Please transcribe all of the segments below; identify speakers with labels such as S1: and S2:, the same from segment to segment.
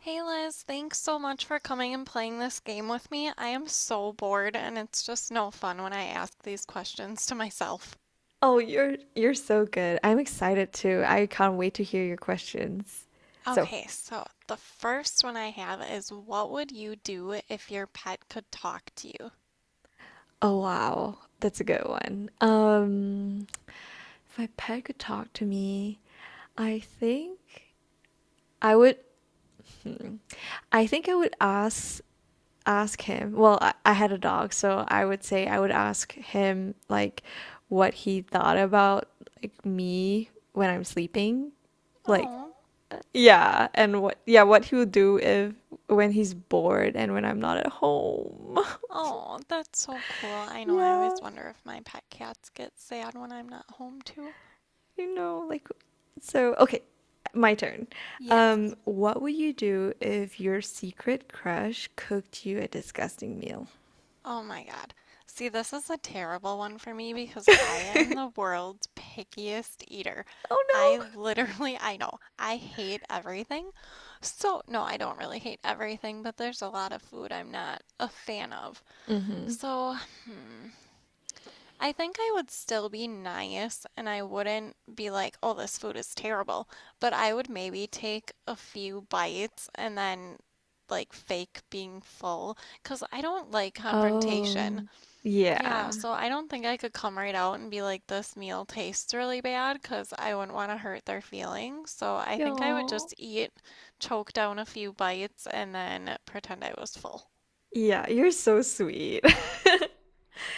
S1: Hey Liz, thanks so much for coming and playing this game with me. I am so bored and it's just no fun when I ask these questions to myself.
S2: Oh, you're so good. I'm excited too. I can't wait to hear your questions. So,
S1: Okay, so the first one I have is what would you do if your pet could talk to you?
S2: oh wow, that's a good one. If my pet could talk to me, I think I would hmm, I think I would ask him. Well, I had a dog, so I would say I would ask him like what he thought about like me when I'm sleeping. Like
S1: Oh,
S2: Yeah, and what he will do if when he's bored and when I'm not at home.
S1: oh, that's so cool. I know I
S2: Yeah,
S1: always wonder if my pet cats get sad when I'm not home too.
S2: like so okay, my turn.
S1: Yes.
S2: What would you do if your secret crush cooked you a disgusting meal?
S1: Oh my God. See, this is a terrible one for me because I am the world's pickiest eater. I
S2: Oh
S1: literally, I know, I hate everything. So, no, I don't really hate everything, but there's a lot of food I'm not a fan of.
S2: no. Mm-hmm.
S1: So, hmm, I think I would still be nice and I wouldn't be like, oh, this food is terrible. But I would maybe take a few bites and then like fake being full because I don't like confrontation.
S2: Oh.
S1: Yeah,
S2: Yeah.
S1: so I don't think I could come right out and be like, this meal tastes really bad because I wouldn't want to hurt their feelings. So I think I would
S2: Yo.
S1: just eat, choke down a few bites, and then pretend I was full.
S2: Yeah, you're so sweet.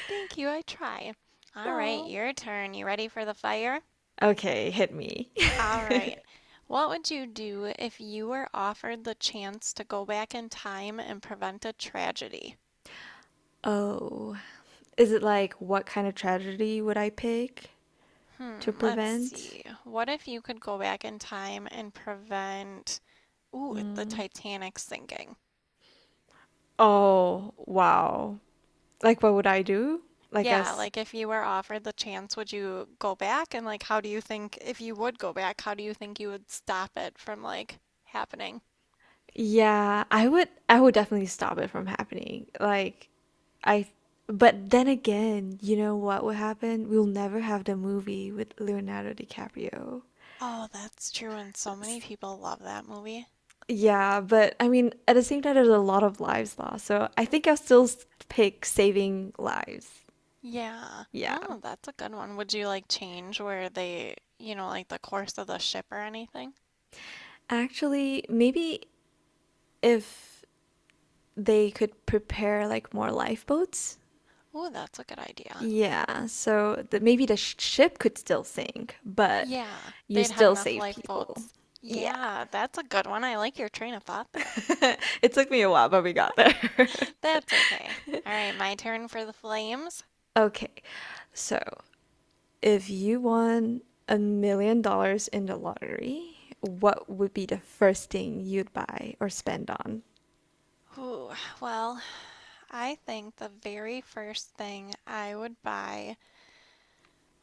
S1: Thank you, I try. All right,
S2: Oh.
S1: your turn. You ready for the fire?
S2: Okay, hit me.
S1: All right. What would you do if you were offered the chance to go back in time and prevent a tragedy?
S2: Oh, is it like what kind of tragedy would I pick to
S1: Hmm, let's
S2: prevent?
S1: see. What if you could go back in time and prevent Ooh, the
S2: Mm.
S1: Titanic sinking.
S2: Oh, wow. Like what would I do? Like Yeah.
S1: Yeah,
S2: as
S1: like if you were offered the chance, would you go back? And like, how do you think, if you would go back, how do you think you would stop it from like happening?
S2: yeah, I would definitely stop it from happening. Like I But then again, you know what would happen? We'll never have the movie with Leonardo DiCaprio.
S1: Oh, that's true. And so many
S2: S-
S1: people love that movie.
S2: Yeah, but I mean, at the same time, there's a lot of lives lost. So I think I'll still pick saving lives.
S1: Yeah.
S2: Yeah.
S1: Oh, that's a good one. Would you like change where they, you know, like the course of the ship or anything?
S2: Actually, maybe if they could prepare like more lifeboats.
S1: Ooh, that's a good idea.
S2: Yeah, so maybe the ship could still sink, but
S1: Yeah,
S2: you
S1: they'd have
S2: still
S1: enough
S2: save people.
S1: lifeboats.
S2: Yeah.
S1: Yeah, that's a good one. I like your train of thought there.
S2: It took me a while, but we got there.
S1: That's okay. All right, my turn for the flames.
S2: Okay, so if you won $1 million in the lottery, what would be the first thing you'd buy or spend on?
S1: Ooh, well, I think the very first thing I would buy.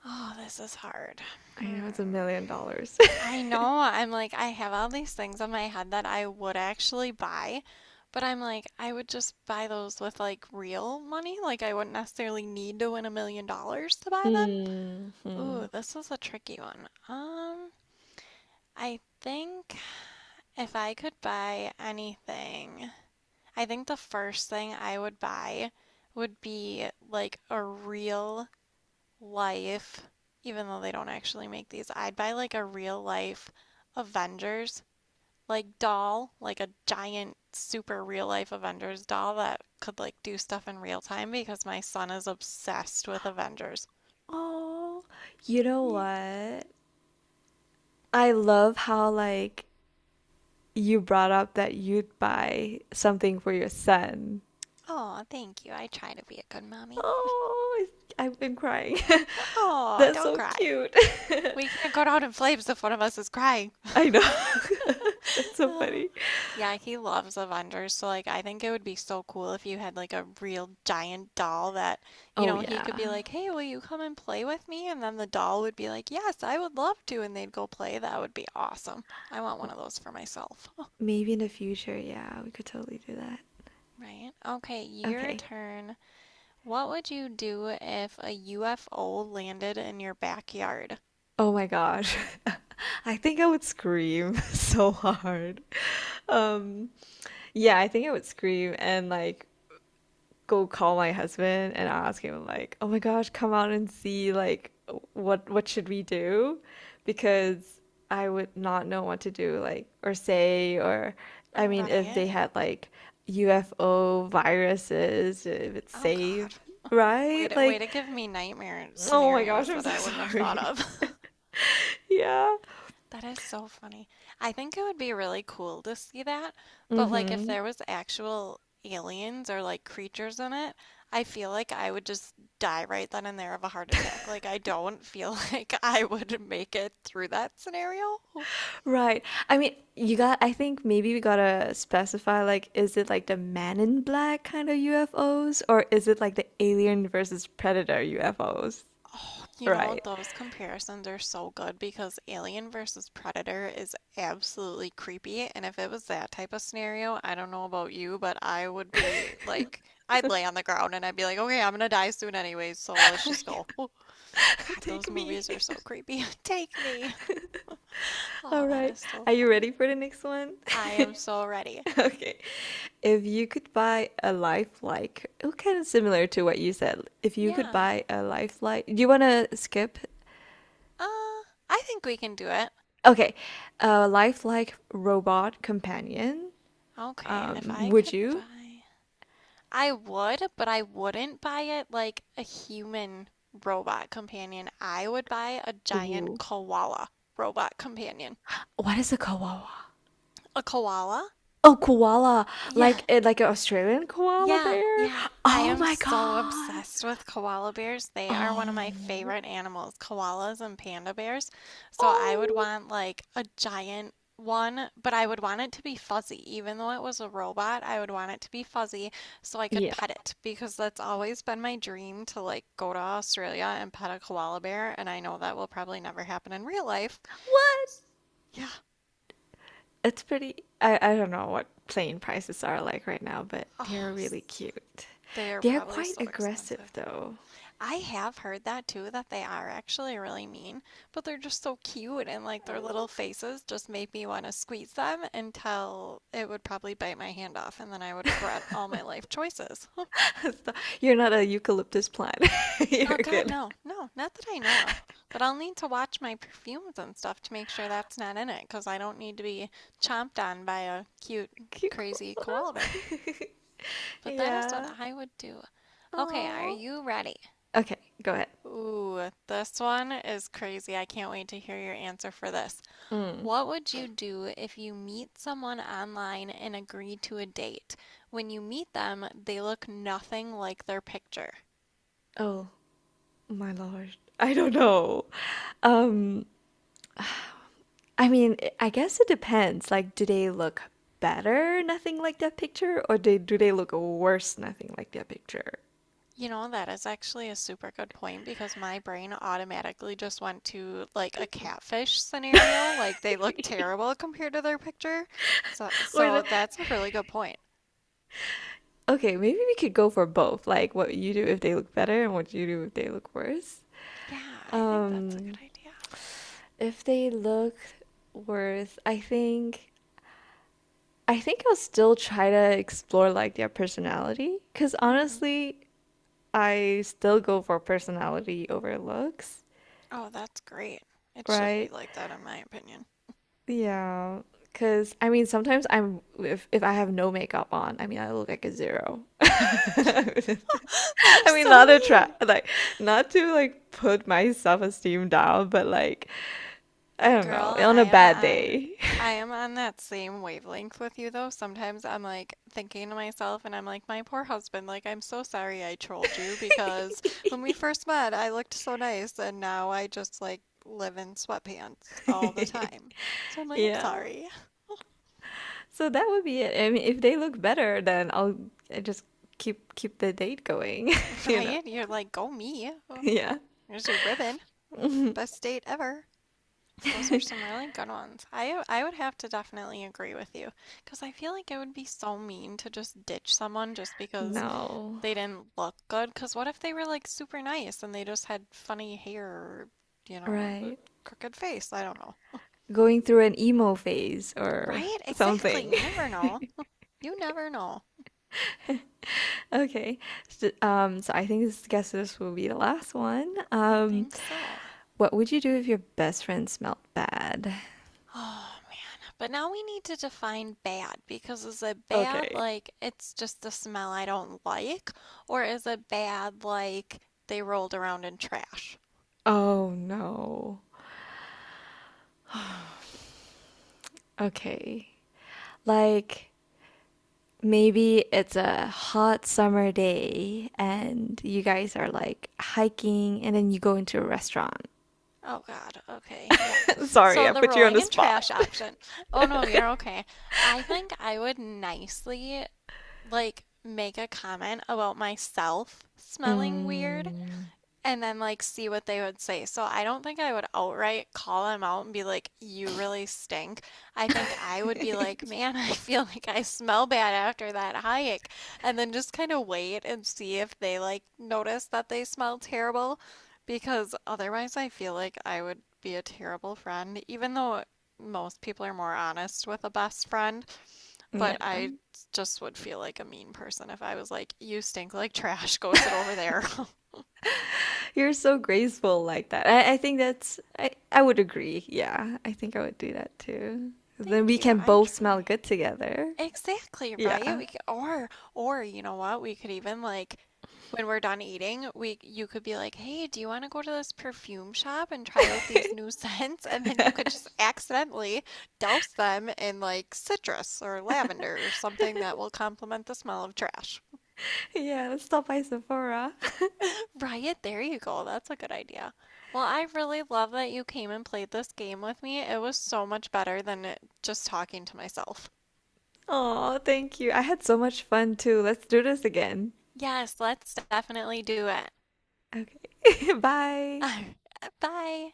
S1: Oh, this is hard.
S2: I know it's a
S1: Hmm.
S2: million dollars.
S1: I know I'm like, I have all these things in my head that I would actually buy, but I'm like, I would just buy those with like real money. Like, I wouldn't necessarily need to win $1 million to buy them. Ooh,
S2: hmm
S1: this is a tricky one. I think if I could buy anything. I think the first thing I would buy would be like a real life, even though they don't actually make these, I'd buy like a real life Avengers like doll, like a giant super real life Avengers doll that could like do stuff in real time because my son is obsessed with Avengers.
S2: Oh, you know
S1: Yeah.
S2: what? I love how like you brought up that you'd buy something for your son.
S1: Oh, thank you. I try to be a good mommy.
S2: Oh, I- have been crying.
S1: Oh,
S2: That's
S1: don't
S2: so
S1: cry.
S2: cute.
S1: We can't go down in flames if one of us is crying.
S2: I know. That's so
S1: Oh,
S2: funny.
S1: yeah, he loves Avengers, so like I think it would be so cool if you had like a real giant doll that, you
S2: Oh
S1: know, he
S2: yeah.
S1: could be like, "Hey, will you come and play with me?" And then the doll would be like, "Yes, I would love to." And they'd go play. That would be awesome. I want one of those for myself.
S2: Maybe in the future, yeah, we could totally do that.
S1: Right. Okay, your
S2: Okay.
S1: turn. What would you do if a UFO landed in your backyard?
S2: Oh my gosh. I think I would scream so hard. Um, yeah, I think I would scream and like go call my husband and ask him like, "Oh my gosh, come out and see like what should we do?" Because I would not know what to do like or say or I mean if
S1: Right.
S2: they had like UFO viruses, if it's
S1: Oh
S2: safe,
S1: God. Way
S2: right?
S1: to way
S2: Like,
S1: to give me nightmare
S2: oh my gosh,
S1: scenarios
S2: I'm
S1: that
S2: so
S1: I wouldn't have thought
S2: sorry.
S1: of.
S2: Yeah.
S1: That is so funny. I think it would be really cool to see that, but like if
S2: Mhm.
S1: there was actual aliens or like creatures in it, I feel like I would just die right then and there of a heart attack. Like I don't feel like I would make it through that scenario.
S2: Right. I mean, I think maybe we gotta specify like, is it like the Man in Black kind of UFOs or is it like the Alien versus Predator UFOs?
S1: You know,
S2: Right.
S1: those comparisons are so good because Alien versus Predator is absolutely creepy. And if it was that type of scenario, I don't know about you, but I would be like, I'd lay on the ground and I'd be like, okay, I'm gonna die soon anyways, so let's just go. Oh, God, those
S2: Take me.
S1: movies are so creepy. Take me. Oh,
S2: All
S1: that
S2: right.
S1: is so
S2: Are you ready
S1: funny.
S2: for the next one?
S1: I am so ready.
S2: Okay. If you could buy a lifelike, oh, kind of similar to what you said. If you could
S1: Yeah.
S2: buy a lifelike, do you want to skip?
S1: Uh, I think we can do it.
S2: Okay. A lifelike robot companion,
S1: Okay, if I
S2: would
S1: could
S2: you?
S1: buy. I would, but I wouldn't buy it like a human robot companion. I would buy a giant
S2: Ooh.
S1: koala robot companion.
S2: What is a koala?
S1: A koala?
S2: Oh, koala.
S1: Yeah.
S2: Like like an Australian koala
S1: Yeah,
S2: bear?
S1: yeah. I
S2: Oh
S1: am
S2: my
S1: so
S2: God.
S1: obsessed with koala bears. They are one of my
S2: Oh.
S1: favorite animals, koalas and panda bears. So I would
S2: Oh.
S1: want like a giant one, but I would want it to be fuzzy. Even though it was a robot, I would want it to be fuzzy so I could
S2: Yeah.
S1: pet it because that's always been my dream to like go to Australia and pet a koala bear. And I know that will probably never happen in real life.
S2: What?
S1: S- Yeah.
S2: It's pretty I don't know what plane prices are like right now, but
S1: Oh,
S2: they're
S1: s-
S2: really cute.
S1: they are
S2: They're
S1: probably
S2: quite
S1: so
S2: aggressive
S1: expensive.
S2: though.
S1: I have heard that too, that they are actually really mean, but they're just so cute and like
S2: I
S1: their
S2: know.
S1: little faces just made me want to squeeze them until it would probably bite my hand off and then I would regret all my life choices.
S2: Stop. You're not a eucalyptus plant.
S1: Oh
S2: You're
S1: God,
S2: good.
S1: no, no, not that I know of. But I'll need to watch my perfumes and stuff to make sure that's not in it because I don't need to be chomped on by a cute,
S2: Cute
S1: crazy
S2: koala.
S1: koala bear. But that is what
S2: Yeah.
S1: I would do. Okay, are
S2: Oh.
S1: you ready?
S2: Okay, go ahead.
S1: Ooh, this one is crazy. I can't wait to hear your answer for this.
S2: Mm.
S1: What would you do if you meet someone online and agree to a date? When you meet them, they look nothing like their picture.
S2: Oh. My lord. I don't know. Um, I mean, I guess it depends. Like, do they look better, nothing like that picture, or they do they look worse, nothing like that picture?
S1: You know, that is actually a super good point because my brain automatically just went to like a catfish scenario, like they look terrible compared to their picture. So
S2: Or the,
S1: so that's a really good point.
S2: okay, maybe we could go for both. Like, what you do if they look better, and what you do if they look worse.
S1: Yeah, I think that's a good
S2: Um,
S1: idea.
S2: if they look worse, I think I'll still try to explore like their personality. Because
S1: Hmm.
S2: honestly, I still go for personality over looks,
S1: Oh, that's great. It should be
S2: right?
S1: like that in my opinion.
S2: Yeah, because I mean, sometimes I'm if I have no makeup on, I mean, I look like a zero. I
S1: That is
S2: mean,
S1: so
S2: not a try,
S1: mean.
S2: like not to like put my self-esteem down, but like I don't know,
S1: Girl,
S2: on
S1: I
S2: a
S1: am
S2: bad
S1: on
S2: day.
S1: I am on that same wavelength with you though. Sometimes I'm like thinking to myself and I'm like, my poor husband, like I'm so sorry I trolled you because when we first met, I looked so nice and now I just like live in sweatpants all the time. So I'm like, I'm
S2: Yeah.
S1: sorry.
S2: So that would be it. I mean, if they look better, then I'll I just keep the date going, you know?
S1: Ryan, you're like, go me. Oh,
S2: Yeah.
S1: here's your ribbon. Best date ever. Those are some really good ones. I would have to definitely agree with you because I feel like it would be so mean to just ditch someone just because
S2: No.
S1: they didn't look good because what if they were like super nice and they just had funny hair or, you know, a
S2: Right.
S1: crooked face. I don't know.
S2: Going through an emo phase or
S1: Right, exactly.
S2: something.
S1: You never know. You never know.
S2: Okay. So, I think this guess this will be the last one.
S1: I think so.
S2: What would you do if your best friend smelled bad?
S1: Oh man, but now we need to define bad because is it bad
S2: Okay.
S1: like it's just a smell I don't like, or is it bad like they rolled around in trash.
S2: Oh no. Okay. Like maybe it's a hot summer day and you guys are like hiking and then you go into a restaurant.
S1: Oh God. Okay. Yuck.
S2: Sorry,
S1: So
S2: I
S1: the
S2: put you on
S1: rolling
S2: the
S1: in
S2: spot.
S1: trash option. Oh no, you're okay. I think I would nicely like make a comment about myself smelling weird
S2: Mm,
S1: and then like see what they would say. So I don't think I would outright call them out and be like, "You really stink." I think I would be like, "Man, I feel like I smell bad after that hike." And then just kind of wait and see if they like notice that they smell terrible because otherwise I feel like I would be a terrible friend even though most people are more honest with a best friend,
S2: yeah.
S1: but I just would feel like a mean person if I was like, "You stink like trash. Go sit over there."
S2: You're so graceful like that. I think I would agree. Yeah, I think I would do that too. Then
S1: Thank
S2: we
S1: you.
S2: can
S1: I
S2: both smell
S1: try.
S2: good together.
S1: Exactly, right?
S2: Yeah.
S1: We could, or you know what? We could even like when we're done eating, we you could be like, "Hey, do you want to go to this perfume shop and try out these new scents?" And then you could just accidentally douse them in like citrus or lavender or something that will complement the smell of trash.
S2: Yeah, let's stop by Sephora.
S1: Right, there you go. That's a good idea. Well, I really love that you came and played this game with me. It was so much better than it- just talking to myself.
S2: Oh, thank you. I had so much fun too. Let's do this again.
S1: Yes, let's definitely do it.
S2: Okay. Bye.
S1: Bye.